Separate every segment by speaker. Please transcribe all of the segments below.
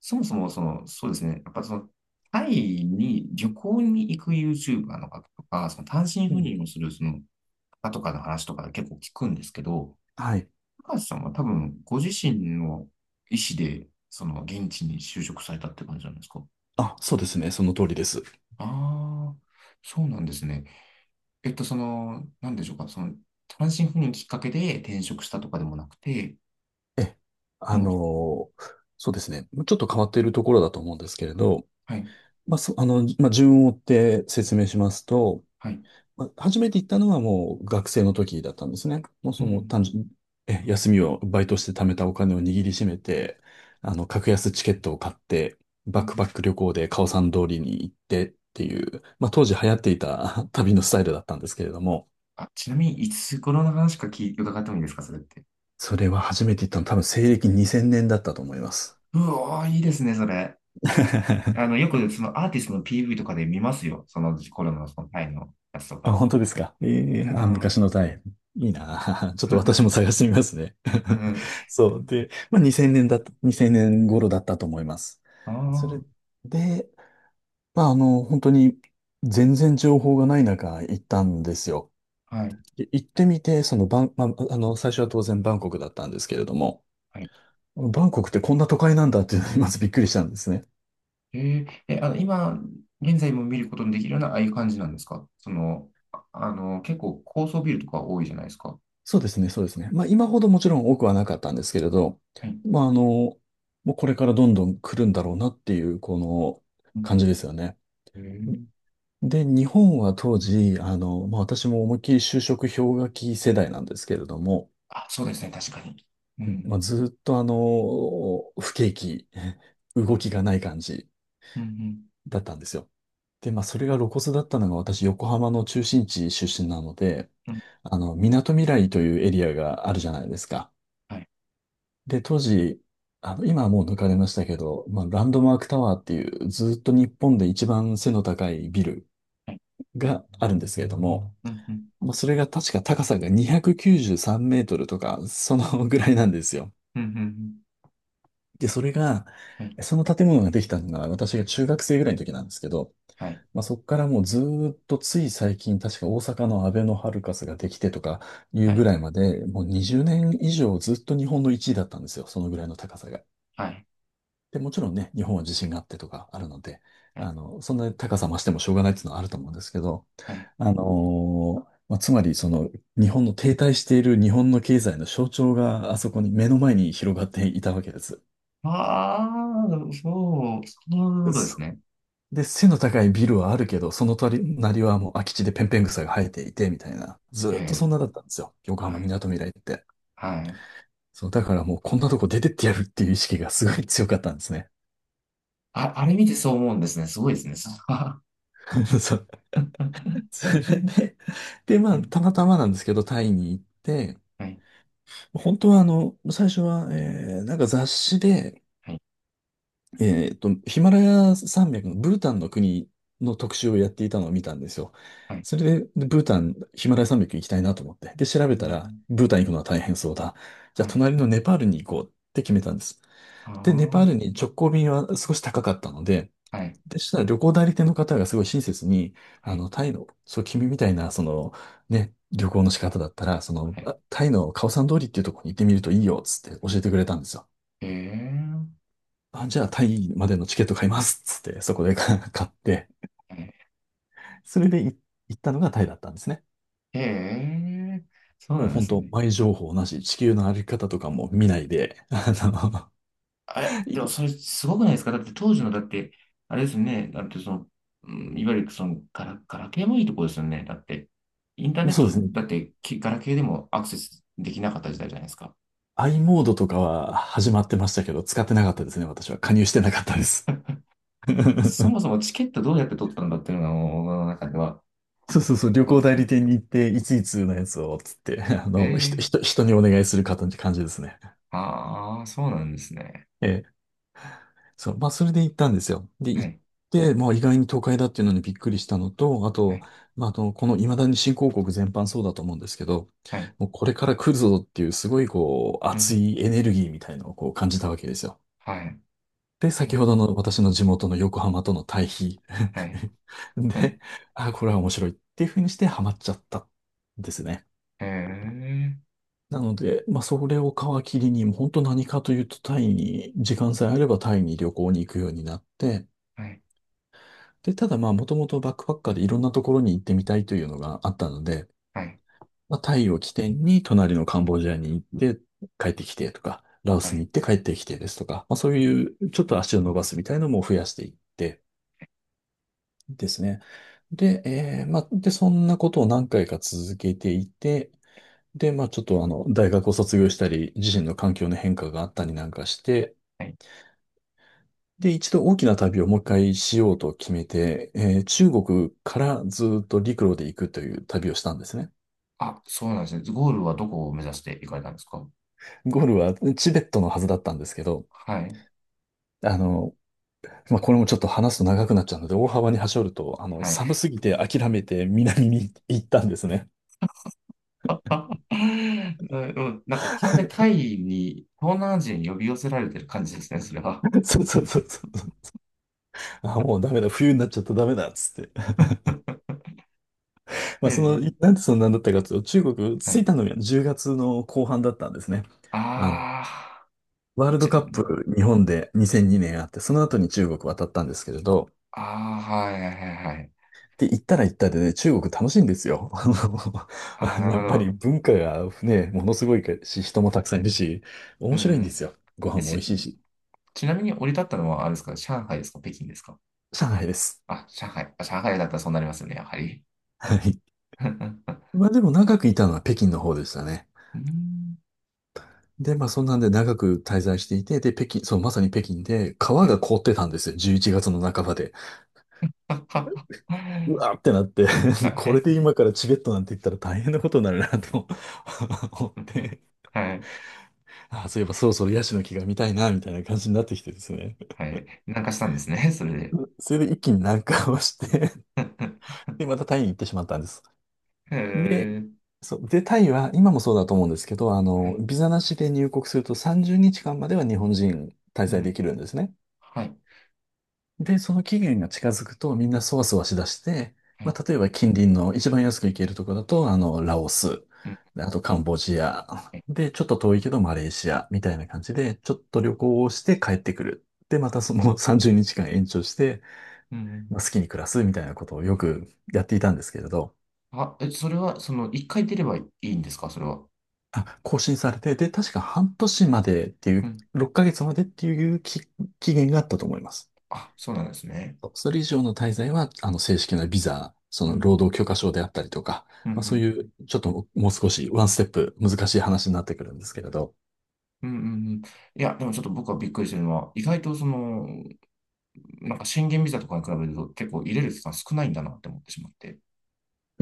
Speaker 1: そもそも、そうですね。やっぱその、タイに旅行に行く YouTuber の方とか、単身
Speaker 2: う
Speaker 1: 赴
Speaker 2: ん。
Speaker 1: 任をする方とかの話とか結構聞くんですけど、
Speaker 2: はい。
Speaker 1: 高橋さんは多分ご自身の意思で、現地に就職されたって感じなんですか？
Speaker 2: あ、そうですね。その通りです。
Speaker 1: ああ、そうなんですね。えっと、その、なんでしょうか、その、単身赴任きっかけで転職したとかでもなくて、
Speaker 2: え、あ
Speaker 1: もう、
Speaker 2: のーそうですね。ちょっと変わっているところだと思うんですけれど、
Speaker 1: はい、
Speaker 2: まあ、そ、あの、まあ、順を追って説明しますと、
Speaker 1: はい、
Speaker 2: まあ、初めて行ったのはもう学生の時だったんですね。もう
Speaker 1: う
Speaker 2: その
Speaker 1: ん、
Speaker 2: 単純、え、休みをバイトして貯めたお金を握りしめて、あの、格安チケットを買って、
Speaker 1: う
Speaker 2: バックパッ
Speaker 1: ん。
Speaker 2: ク旅行でカオさん通りに行ってっていう、まあ、当時流行っていた 旅のスタイルだったんですけれども、
Speaker 1: あ、ちなみに、いつ頃の話か伺ってもいいですか、それって。
Speaker 2: それは初めて行ったの多分西暦2000年だったと思います。
Speaker 1: うおー、いいですね、それ。あの、よ くそのアーティストの PV とかで見ますよ。そのコロナのタイのやつと
Speaker 2: あ、
Speaker 1: か。
Speaker 2: 本当ですか。
Speaker 1: うん。
Speaker 2: 昔のタイ。いいなあ。ちょっと私も 探してみますね。
Speaker 1: うん。
Speaker 2: そう。で、まあ、2000年頃だったと思います。
Speaker 1: あ
Speaker 2: それで、まあ、本当に全然情報がない中行ったんですよ。
Speaker 1: あ、はい。
Speaker 2: で、行ってみて、そのバン、まあ、あの、最初は当然バンコクだったんですけれども、
Speaker 1: はい。
Speaker 2: バンコクってこんな都会なんだっていうのにまずびっくりしたんですね。
Speaker 1: えー、え、今、現在も見ることのできるような、ああいう感じなんですか？結構高層ビルとか多いじゃないですか。
Speaker 2: そうですね、そうですね。まあ、今ほどもちろん多くはなかったんですけれど、
Speaker 1: はい。
Speaker 2: まあ、もうこれからどんどん来るんだろうなっていう、この
Speaker 1: う
Speaker 2: 感
Speaker 1: ん。
Speaker 2: じですよね。
Speaker 1: えー、
Speaker 2: で、日本は当時、私も思いっきり就職氷河期世代なんですけれども、
Speaker 1: あ、そうですね、確かに。う
Speaker 2: うん
Speaker 1: ん。
Speaker 2: まあ、ずーっと不景気、動きがない感じ
Speaker 1: うん。
Speaker 2: だったんですよ。で、まあ、それが露骨だったのが私、横浜の中心地出身なので、
Speaker 1: うん。
Speaker 2: あの、みなとみらいというエリアがあるじゃないですか。
Speaker 1: はい。
Speaker 2: で、当時、あの、今はもう抜かれましたけど、まあ、ランドマークタワーっていう、ずっと日本で一番背の高いビル
Speaker 1: はい。
Speaker 2: があるんですけれども、
Speaker 1: うん。うん。
Speaker 2: もうそれが確か高さが293メートルとか、そのぐらいなんですよ。
Speaker 1: うん。うん。
Speaker 2: で、それが、
Speaker 1: はい。
Speaker 2: その建物ができたのが私が中学生ぐらいの時なんですけど、
Speaker 1: はい。
Speaker 2: まあ、そこからもうずーっとつい最近、確か大阪のアベノハルカスができてとかい
Speaker 1: は
Speaker 2: うぐ
Speaker 1: い。
Speaker 2: らいまで、もう20年以上ずっと日本の一位だったんですよ、そのぐらいの高さが。
Speaker 1: はい。
Speaker 2: で、もちろんね、日本は地震があってとかあるので、
Speaker 1: はい。
Speaker 2: あの、そんなに高さ増してもしょうがないっていうのはあると思うんですけど、
Speaker 1: はい。
Speaker 2: あのまあ、つまり日本の停滞している日本の経済の象徴があそこに目の前に広がっていたわけです。
Speaker 1: ああ、そう、そういうことです
Speaker 2: そ
Speaker 1: ね。
Speaker 2: う。で、背の高いビルはあるけど、その隣はもう空き地でペンペン草が生えていて、みたいな。ず
Speaker 1: え
Speaker 2: ーっとそ
Speaker 1: え、
Speaker 2: んなだったんですよ、横浜
Speaker 1: は
Speaker 2: み
Speaker 1: い、
Speaker 2: なとみらいって。
Speaker 1: はい。
Speaker 2: そう、だからもうこんなとこ出てってやるっていう意識がすごい強かったんですね。
Speaker 1: あ、あれ見てそう思うんですね。すごいですね、それは。
Speaker 2: そう。 それで、で、ま
Speaker 1: は
Speaker 2: あ、
Speaker 1: い、
Speaker 2: たまたまなんですけど、タイに行って、
Speaker 1: はい、
Speaker 2: 本当は最初は、なんか雑誌で、
Speaker 1: はい、
Speaker 2: ヒマラヤ山脈のブータンの国の特集をやっていたのを見たんですよ。
Speaker 1: はい。
Speaker 2: それで、ブータン、ヒマラヤ山脈行きたいなと思って。で、調べ
Speaker 1: う
Speaker 2: たら、
Speaker 1: ん、
Speaker 2: ブータン行くのは大変そうだ。じゃあ、
Speaker 1: はい、
Speaker 2: 隣のネパールに行こうって決めたんです。
Speaker 1: あ
Speaker 2: で、ネパ
Speaker 1: あ、
Speaker 2: ールに直行便は少し高かったので、
Speaker 1: はい、
Speaker 2: でしたら旅行代理店の方がすごい親切に、
Speaker 1: はい、
Speaker 2: タイの、君みたいな、旅行の仕方だったら、
Speaker 1: はい。
Speaker 2: タイのカオサン通りっていうところに行ってみるといいよ、つって教えてくれたんですよ。
Speaker 1: ええ、
Speaker 2: あ、じゃあタイまでのチケット買います、つって、そこで 買って、
Speaker 1: はい。
Speaker 2: それで行ったのがタイだったんですね。
Speaker 1: ええ、そう
Speaker 2: もう
Speaker 1: なんで
Speaker 2: 本
Speaker 1: す
Speaker 2: 当、
Speaker 1: ね。
Speaker 2: 前情報なし、地球の歩き方とかも見ないで、あ
Speaker 1: あれ、
Speaker 2: の、
Speaker 1: でも
Speaker 2: い
Speaker 1: それすごくないですか？だって当時の、だって、あれですよね。だってその、うん、いわゆるガラケーもいいとこですよね。だって、インターネッ
Speaker 2: そう
Speaker 1: ト、
Speaker 2: ですね。
Speaker 1: だってガラケーでもアクセスできなかった時代じゃないですか。
Speaker 2: i モードとかは始まってましたけど、使ってなかったですね、私は。加入してなかったです。
Speaker 1: そも そもチケットどうやって取ったんだっていうのが、もう僕の中では
Speaker 2: そう、旅
Speaker 1: 思っ
Speaker 2: 行
Speaker 1: てし
Speaker 2: 代
Speaker 1: ま
Speaker 2: 理
Speaker 1: う。
Speaker 2: 店に行って、いついつのやつを、つって、あ
Speaker 1: え
Speaker 2: の、ひと、
Speaker 1: え、
Speaker 2: ひと、人にお願いするかという感じですね。
Speaker 1: ああー、そうなんですね。
Speaker 2: ええ、そう、まあ、それで行ったんですよ。で、
Speaker 1: は
Speaker 2: 行っ
Speaker 1: い、
Speaker 2: て、まあ、意外に都会だっていうのにびっくりしたのと、あ
Speaker 1: は
Speaker 2: と、
Speaker 1: い、
Speaker 2: まあ、この未だに新興国全般そうだと思うんですけど、
Speaker 1: はい、
Speaker 2: もうこれから来るぞっていう、すごい、こう、
Speaker 1: うん、う
Speaker 2: 熱
Speaker 1: ん、
Speaker 2: いエネルギーみたいのをこう感じたわけですよ。
Speaker 1: はい、
Speaker 2: で、
Speaker 1: う
Speaker 2: 先
Speaker 1: ん、
Speaker 2: ほどの私の地元の横浜との対比。
Speaker 1: はい、う
Speaker 2: で、
Speaker 1: ん、
Speaker 2: あ、これは面白いっていうふうにしてハマっちゃったんですね。
Speaker 1: ええ、
Speaker 2: なので、まあ、それを皮切りに、もう本当何かというと、タイに、時間さえあればタイに旅行に行くようになって、
Speaker 1: はい、
Speaker 2: で、ただまあ、もともとバックパッカーでいろんなところに行ってみたいというのがあったので、
Speaker 1: はい、
Speaker 2: まあ、タイを起点に、隣のカンボジアに行って帰ってきてとか、ラオ
Speaker 1: は
Speaker 2: スに
Speaker 1: い、
Speaker 2: 行って帰ってきてですとか、まあ、そういう、ちょっと足を伸ばすみたいなのも増やしていってですね。で、まあ、そんなことを何回か続けていて、で、まあちょっと大学を卒業したり、自身の環境の変化があったりなんかして、
Speaker 1: はい。
Speaker 2: で、一度大きな旅をもう一回しようと決めて、中国からずっと陸路で行くという旅をしたんですね。
Speaker 1: あ、そうなんですね。ゴールはどこを目指していかれたんですか？
Speaker 2: ゴールはチベットのはずだったんですけど、
Speaker 1: はい。
Speaker 2: あの、まあこれもちょっと話すと長くなっちゃうので、大幅に端折ると、あの、
Speaker 1: はい。
Speaker 2: 寒すぎて諦めて南に行ったんですね。
Speaker 1: な、うん、なんか完全にタイに、東南アジアに呼び寄せられてる感じですね、それは。
Speaker 2: そうそうそうそう。あ、もうダメだ、冬になっちゃったダメだ、っつって。ま
Speaker 1: え
Speaker 2: あ、その、
Speaker 1: え。
Speaker 2: なんでそんなんだったかというと、中国
Speaker 1: は
Speaker 2: 着い
Speaker 1: い。
Speaker 2: たのが10月の後半だったんですね。あの、
Speaker 1: ああ、
Speaker 2: ワールド
Speaker 1: ち、
Speaker 2: カップ日本で2002年あって、その後に中国渡ったんですけれど、
Speaker 1: ああ、はいはいはいはい。
Speaker 2: で、行ったら行ったでね、中国楽しいんですよ。あの、
Speaker 1: ああ、
Speaker 2: あのや
Speaker 1: な
Speaker 2: っ
Speaker 1: るほ
Speaker 2: ぱり
Speaker 1: ど。
Speaker 2: 文化がね、ものすごいし、人もたくさんいるし、
Speaker 1: う
Speaker 2: 面白いんで
Speaker 1: ん。
Speaker 2: すよ。ご
Speaker 1: え、
Speaker 2: 飯も美味
Speaker 1: ち、
Speaker 2: しいし、
Speaker 1: ちなみに降り立ったのは、あれですか、上海ですか、北京ですか？
Speaker 2: 上海です。
Speaker 1: あ、上海。あ、上海だったらそうなりますよね、やはり。
Speaker 2: はい。まあでも長くいたのは北京の方でしたね。
Speaker 1: うん。
Speaker 2: で、まあそんなんで長く滞在していて、で、北京、そう、まさに北京で、川
Speaker 1: は
Speaker 2: が
Speaker 1: い。
Speaker 2: 凍ってたんですよ。11月の半ばで。うわーってなって
Speaker 1: は
Speaker 2: でこれ
Speaker 1: い。
Speaker 2: で今からチベットなんて言ったら大変なことになるなと 思っ
Speaker 1: うんうん、
Speaker 2: て、
Speaker 1: はい。
Speaker 2: あー、そういえばそろそろヤシの木が見たいな、みたいな感じになってきてですね。
Speaker 1: はい。なんかしたんですね、それで。
Speaker 2: それで一気に南下をして で、またタイに行ってしまったんです。
Speaker 1: へ
Speaker 2: で、
Speaker 1: え。
Speaker 2: タイは、今もそうだと思うんですけど、あ
Speaker 1: は
Speaker 2: の、
Speaker 1: い、
Speaker 2: ビザなしで入国すると30日間までは日本人滞
Speaker 1: う
Speaker 2: 在で
Speaker 1: ん。
Speaker 2: きるんですね。
Speaker 1: はい。
Speaker 2: で、その期限が近づくとみんなそわそわしだして、
Speaker 1: は
Speaker 2: ま
Speaker 1: い。
Speaker 2: あ、例えば近隣の一番安く行けるところだと、ラオス、
Speaker 1: うん。
Speaker 2: であとカンボジア、
Speaker 1: え、
Speaker 2: で、ちょっと遠いけどマレーシアみたいな感じで、ちょっと旅行をして帰ってくる。で、またその 30日間延長して、
Speaker 1: う
Speaker 2: ま
Speaker 1: ん。
Speaker 2: あ、好きに暮らすみたいなことをよくやっていたんですけれど、
Speaker 1: あ、え、それは、一回出ればいいんですか、それは？
Speaker 2: あ、更新されて、で、確か半年までってい
Speaker 1: う
Speaker 2: う、
Speaker 1: ん。
Speaker 2: 6ヶ月までっていう期限があったと思います。
Speaker 1: あ、そうなんですね。
Speaker 2: そう、それ以上の滞在は、正式なビザ、そ
Speaker 1: う
Speaker 2: の、労
Speaker 1: ん。
Speaker 2: 働許可証であったりとか、
Speaker 1: うんう
Speaker 2: まあ、そう
Speaker 1: ん。
Speaker 2: いう、ちょっともう少し、ワンステップ難しい話になってくるんですけれど。
Speaker 1: うんうんうん。いや、でもちょっと僕はびっくりしてるのは、意外となんか宣言ビザとかに比べると結構入れる期間少ないんだなって思ってしまって。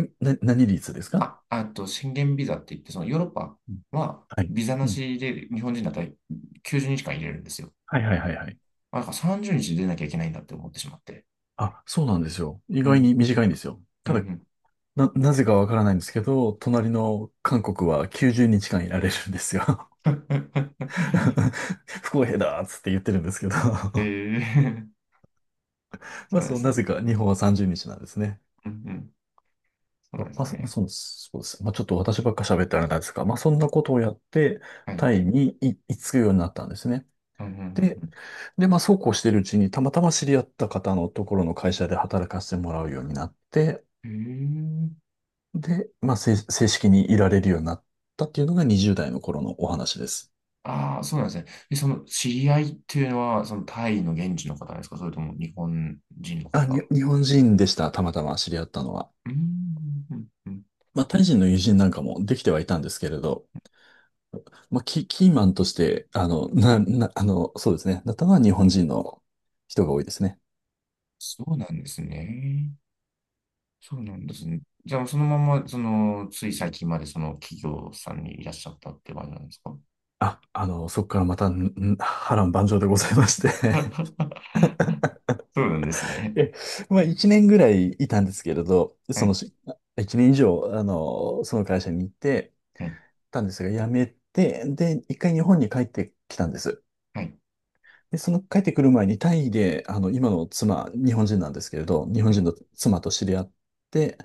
Speaker 2: 何率ですか？
Speaker 1: あ、あと宣言ビザって言って、そのヨーロッパ
Speaker 2: うん、
Speaker 1: は
Speaker 2: はい。
Speaker 1: ビザ
Speaker 2: う
Speaker 1: な
Speaker 2: ん、
Speaker 1: しで日本人だったら90日間入れるんですよ。
Speaker 2: はいはいはいはい。
Speaker 1: あ、だから30日出なきゃいけないんだって思ってしまって。
Speaker 2: あ、そうなんですよ。意
Speaker 1: う
Speaker 2: 外
Speaker 1: ん、
Speaker 2: に短いんですよ。
Speaker 1: うん、
Speaker 2: た
Speaker 1: う
Speaker 2: だ、
Speaker 1: ん。
Speaker 2: なぜかわからないんですけど、隣の韓国は90日間いられるんですよ。不公平だーっつって言ってるんですけど。
Speaker 1: ええ、
Speaker 2: ま
Speaker 1: そう
Speaker 2: あ
Speaker 1: なんで
Speaker 2: そう、
Speaker 1: す
Speaker 2: な
Speaker 1: ね。
Speaker 2: ぜか日本は30日なんですね。
Speaker 1: うんうん。そうな
Speaker 2: そ
Speaker 1: ん
Speaker 2: う
Speaker 1: で
Speaker 2: ま
Speaker 1: す
Speaker 2: あ、まあ
Speaker 1: ね。
Speaker 2: そうそうです。まあ、ちょっと私ばっか喋ったらあれなんですが、まあ、そんなことをやって、
Speaker 1: はい。
Speaker 2: タイに行き着くようになったんですね。
Speaker 1: うんう
Speaker 2: で、
Speaker 1: ん
Speaker 2: で、まあ、そうこうしてるうちに、たまたま知り合った方のところの会社で働かせてもらうようになって、
Speaker 1: うんうん。ええ、
Speaker 2: で、まあ、正式にいられるようになったっていうのが20代の頃のお話です。
Speaker 1: ああ、そうなんですね。え、その知り合いっていうのは、そのタイの現地の方ですか？それとも日本人の方？
Speaker 2: 日本人でした、たまたま知り合ったのは。
Speaker 1: うーん、うんうん、
Speaker 2: まあ、タイ人の友人なんかもできてはいたんですけれど、まあ、キーマンとして、あの、な、な、あの、そうですね、なったのは日本人の人が多いですね。
Speaker 1: そうなんですね。そうなんですね。じゃあ、そのまま、つい最近までその企業さんにいらっしゃったって感じなんですか？
Speaker 2: そこからまた、波乱万丈でございまして。
Speaker 1: そうなんです ね。
Speaker 2: え、まあ、一年ぐらいいたんですけれど、
Speaker 1: は
Speaker 2: その
Speaker 1: い、
Speaker 2: し、一年以上、その会社に行って
Speaker 1: はい、
Speaker 2: たんですが、辞めて、で、一回日本に帰ってきたんです。
Speaker 1: はい、
Speaker 2: で、その帰ってくる前にタイで、今の妻、日本人なんですけれど、日本
Speaker 1: は
Speaker 2: 人
Speaker 1: い、
Speaker 2: の妻と知り合って、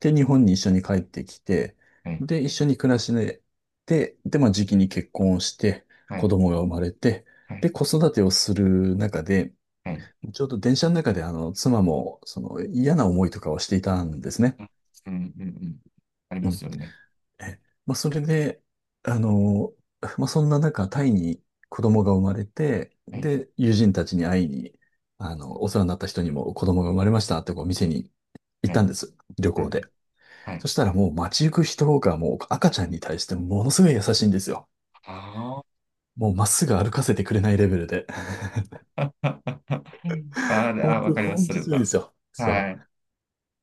Speaker 2: で、日本に一緒に帰ってきて、
Speaker 1: はい、
Speaker 2: で、一緒に暮らしで、で、まあ、時期に結婚をして、
Speaker 1: は
Speaker 2: 子
Speaker 1: い、
Speaker 2: 供が生まれて、
Speaker 1: はい。
Speaker 2: で、子育てをする中で、
Speaker 1: はい、
Speaker 2: ちょうど電車の中で、妻も、その、嫌な思いとかをしていたんですね。
Speaker 1: うん、うん、うん。ありますよね。
Speaker 2: え、まあ、それで、あの、まあ、そんな中、タイに子供が生まれて、
Speaker 1: はい、
Speaker 2: で、友人たちに会いに、お世話になった人にも子供が生まれましたってこう店に行っ
Speaker 1: は
Speaker 2: たん
Speaker 1: い、
Speaker 2: です。旅
Speaker 1: う
Speaker 2: 行で。
Speaker 1: ん、はい。
Speaker 2: そしたらもう街行く人がもう赤ちゃんに対してものすごい優しいんですよ。
Speaker 1: ああ。
Speaker 2: もうまっすぐ歩かせてくれないレベルで。
Speaker 1: うん、あー、 で、あ、
Speaker 2: 本
Speaker 1: わ
Speaker 2: 当、
Speaker 1: かります、
Speaker 2: 本
Speaker 1: そ
Speaker 2: 当
Speaker 1: れ
Speaker 2: すごいんで
Speaker 1: は。
Speaker 2: すよ。そ
Speaker 1: は
Speaker 2: う。
Speaker 1: い。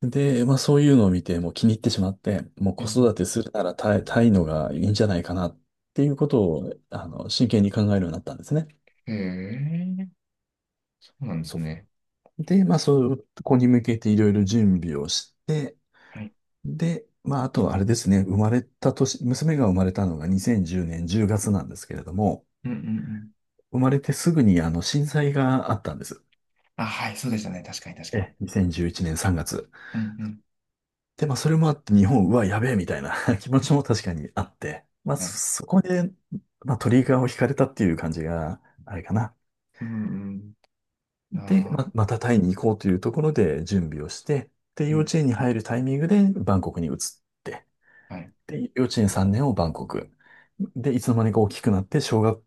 Speaker 2: で、まあそういうのを見て、もう気に入ってしまって、もう
Speaker 1: うん
Speaker 2: 子
Speaker 1: う
Speaker 2: 育
Speaker 1: ん、
Speaker 2: てするならタイ、タイのがいいんじゃないかなっていうことを、真剣に考えるようになったんですね。
Speaker 1: へえ、そうなんです
Speaker 2: そ
Speaker 1: ね。
Speaker 2: う。で、まあそこに向けていろいろ準備をして、
Speaker 1: はい。
Speaker 2: で、まああとはあれですね、生まれた年、娘が生まれたのが2010年10月なんですけれども、
Speaker 1: うんうんうん。
Speaker 2: 生まれてすぐにあの震災があったんです。
Speaker 1: あ、はい、そうでしたね。確かに、確かに。
Speaker 2: え、2011年3月。
Speaker 1: うんうん。
Speaker 2: で、まあ、それもあって、日本、うわ、やべえ、みたいな 気持ちも確かにあって、まあ、
Speaker 1: はい。
Speaker 2: そこで、まあ、トリガーを引かれたっていう感じが、あれかな。
Speaker 1: うんうん。
Speaker 2: で、ま
Speaker 1: ああ、
Speaker 2: あ、またタイに行こうというところで準備をして、で、
Speaker 1: う
Speaker 2: 幼
Speaker 1: ん。
Speaker 2: 稚園に入るタイミングでバンコクに移って、
Speaker 1: はい。
Speaker 2: で、幼稚園3年をバンコク。で、いつの間にか大きくなって、小学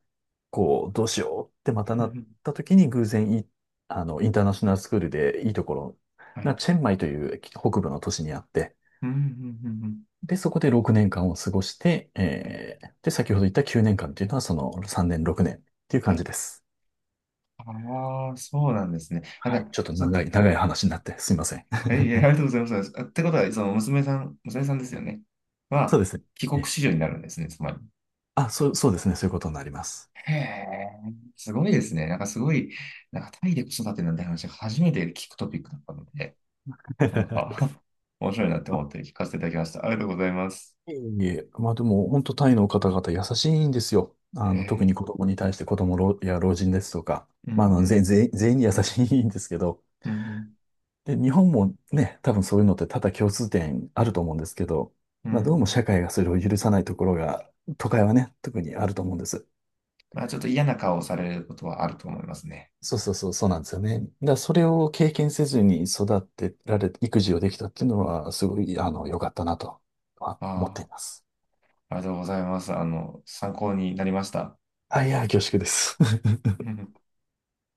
Speaker 2: 校どうしようってまた
Speaker 1: うん
Speaker 2: な
Speaker 1: う
Speaker 2: っ
Speaker 1: ん。
Speaker 2: た時に偶然い、あの、インターナショナルスクールでいいところ
Speaker 1: は
Speaker 2: が
Speaker 1: い。
Speaker 2: チェンマイという北部の都市にあって、
Speaker 1: うんうんうんうん。
Speaker 2: で、そこで6年間を過ごして、
Speaker 1: はい。
Speaker 2: えー、で、先ほど言った9年間っていうのはその3年、6年っていう
Speaker 1: は
Speaker 2: 感じ
Speaker 1: い。
Speaker 2: です。
Speaker 1: ああ、そうなんですね。
Speaker 2: はい。ちょっと長い、長い話になってすみません。
Speaker 1: えいえ、ありがとうございます。あってことは、娘さんですよね。
Speaker 2: そう
Speaker 1: は、
Speaker 2: ですね。
Speaker 1: 帰国
Speaker 2: え
Speaker 1: 子女になるんですね、つまり。
Speaker 2: あ、そうですね。そういうことになります。
Speaker 1: へえ、すごいですね。なんかすごい、なんかタイで子育てなんて話、初めて聞くトピックだったので、なん か 面白いなって思って聞かせていただきました。ありがとうございます。
Speaker 2: いえいえ、まあでも、本当タイの方々優しいんですよ。
Speaker 1: へ
Speaker 2: 特
Speaker 1: え、
Speaker 2: に子供に対して子供老や老人ですとか、
Speaker 1: うんうん、
Speaker 2: 全員に優しいんですけど、
Speaker 1: うん
Speaker 2: で、日本もね、多分そういうのって多々共通点あると思うんですけど、
Speaker 1: うん、うん
Speaker 2: まあ
Speaker 1: う
Speaker 2: どうも
Speaker 1: ん。
Speaker 2: 社会がそれを許さないところが、都会はね、特にあると思うんです。
Speaker 1: まあちょっと嫌な顔をされることはあると思いますね。
Speaker 2: そうそうそう、そうなんですよね。だからそれを経験せずに育てられ、育児をできたっていうのは、すごい、良かったなとは思ってい
Speaker 1: あ
Speaker 2: ます。
Speaker 1: あ、ありがとうございます。あの、参考になりました。
Speaker 2: あい、いや、恐縮です。
Speaker 1: うんうん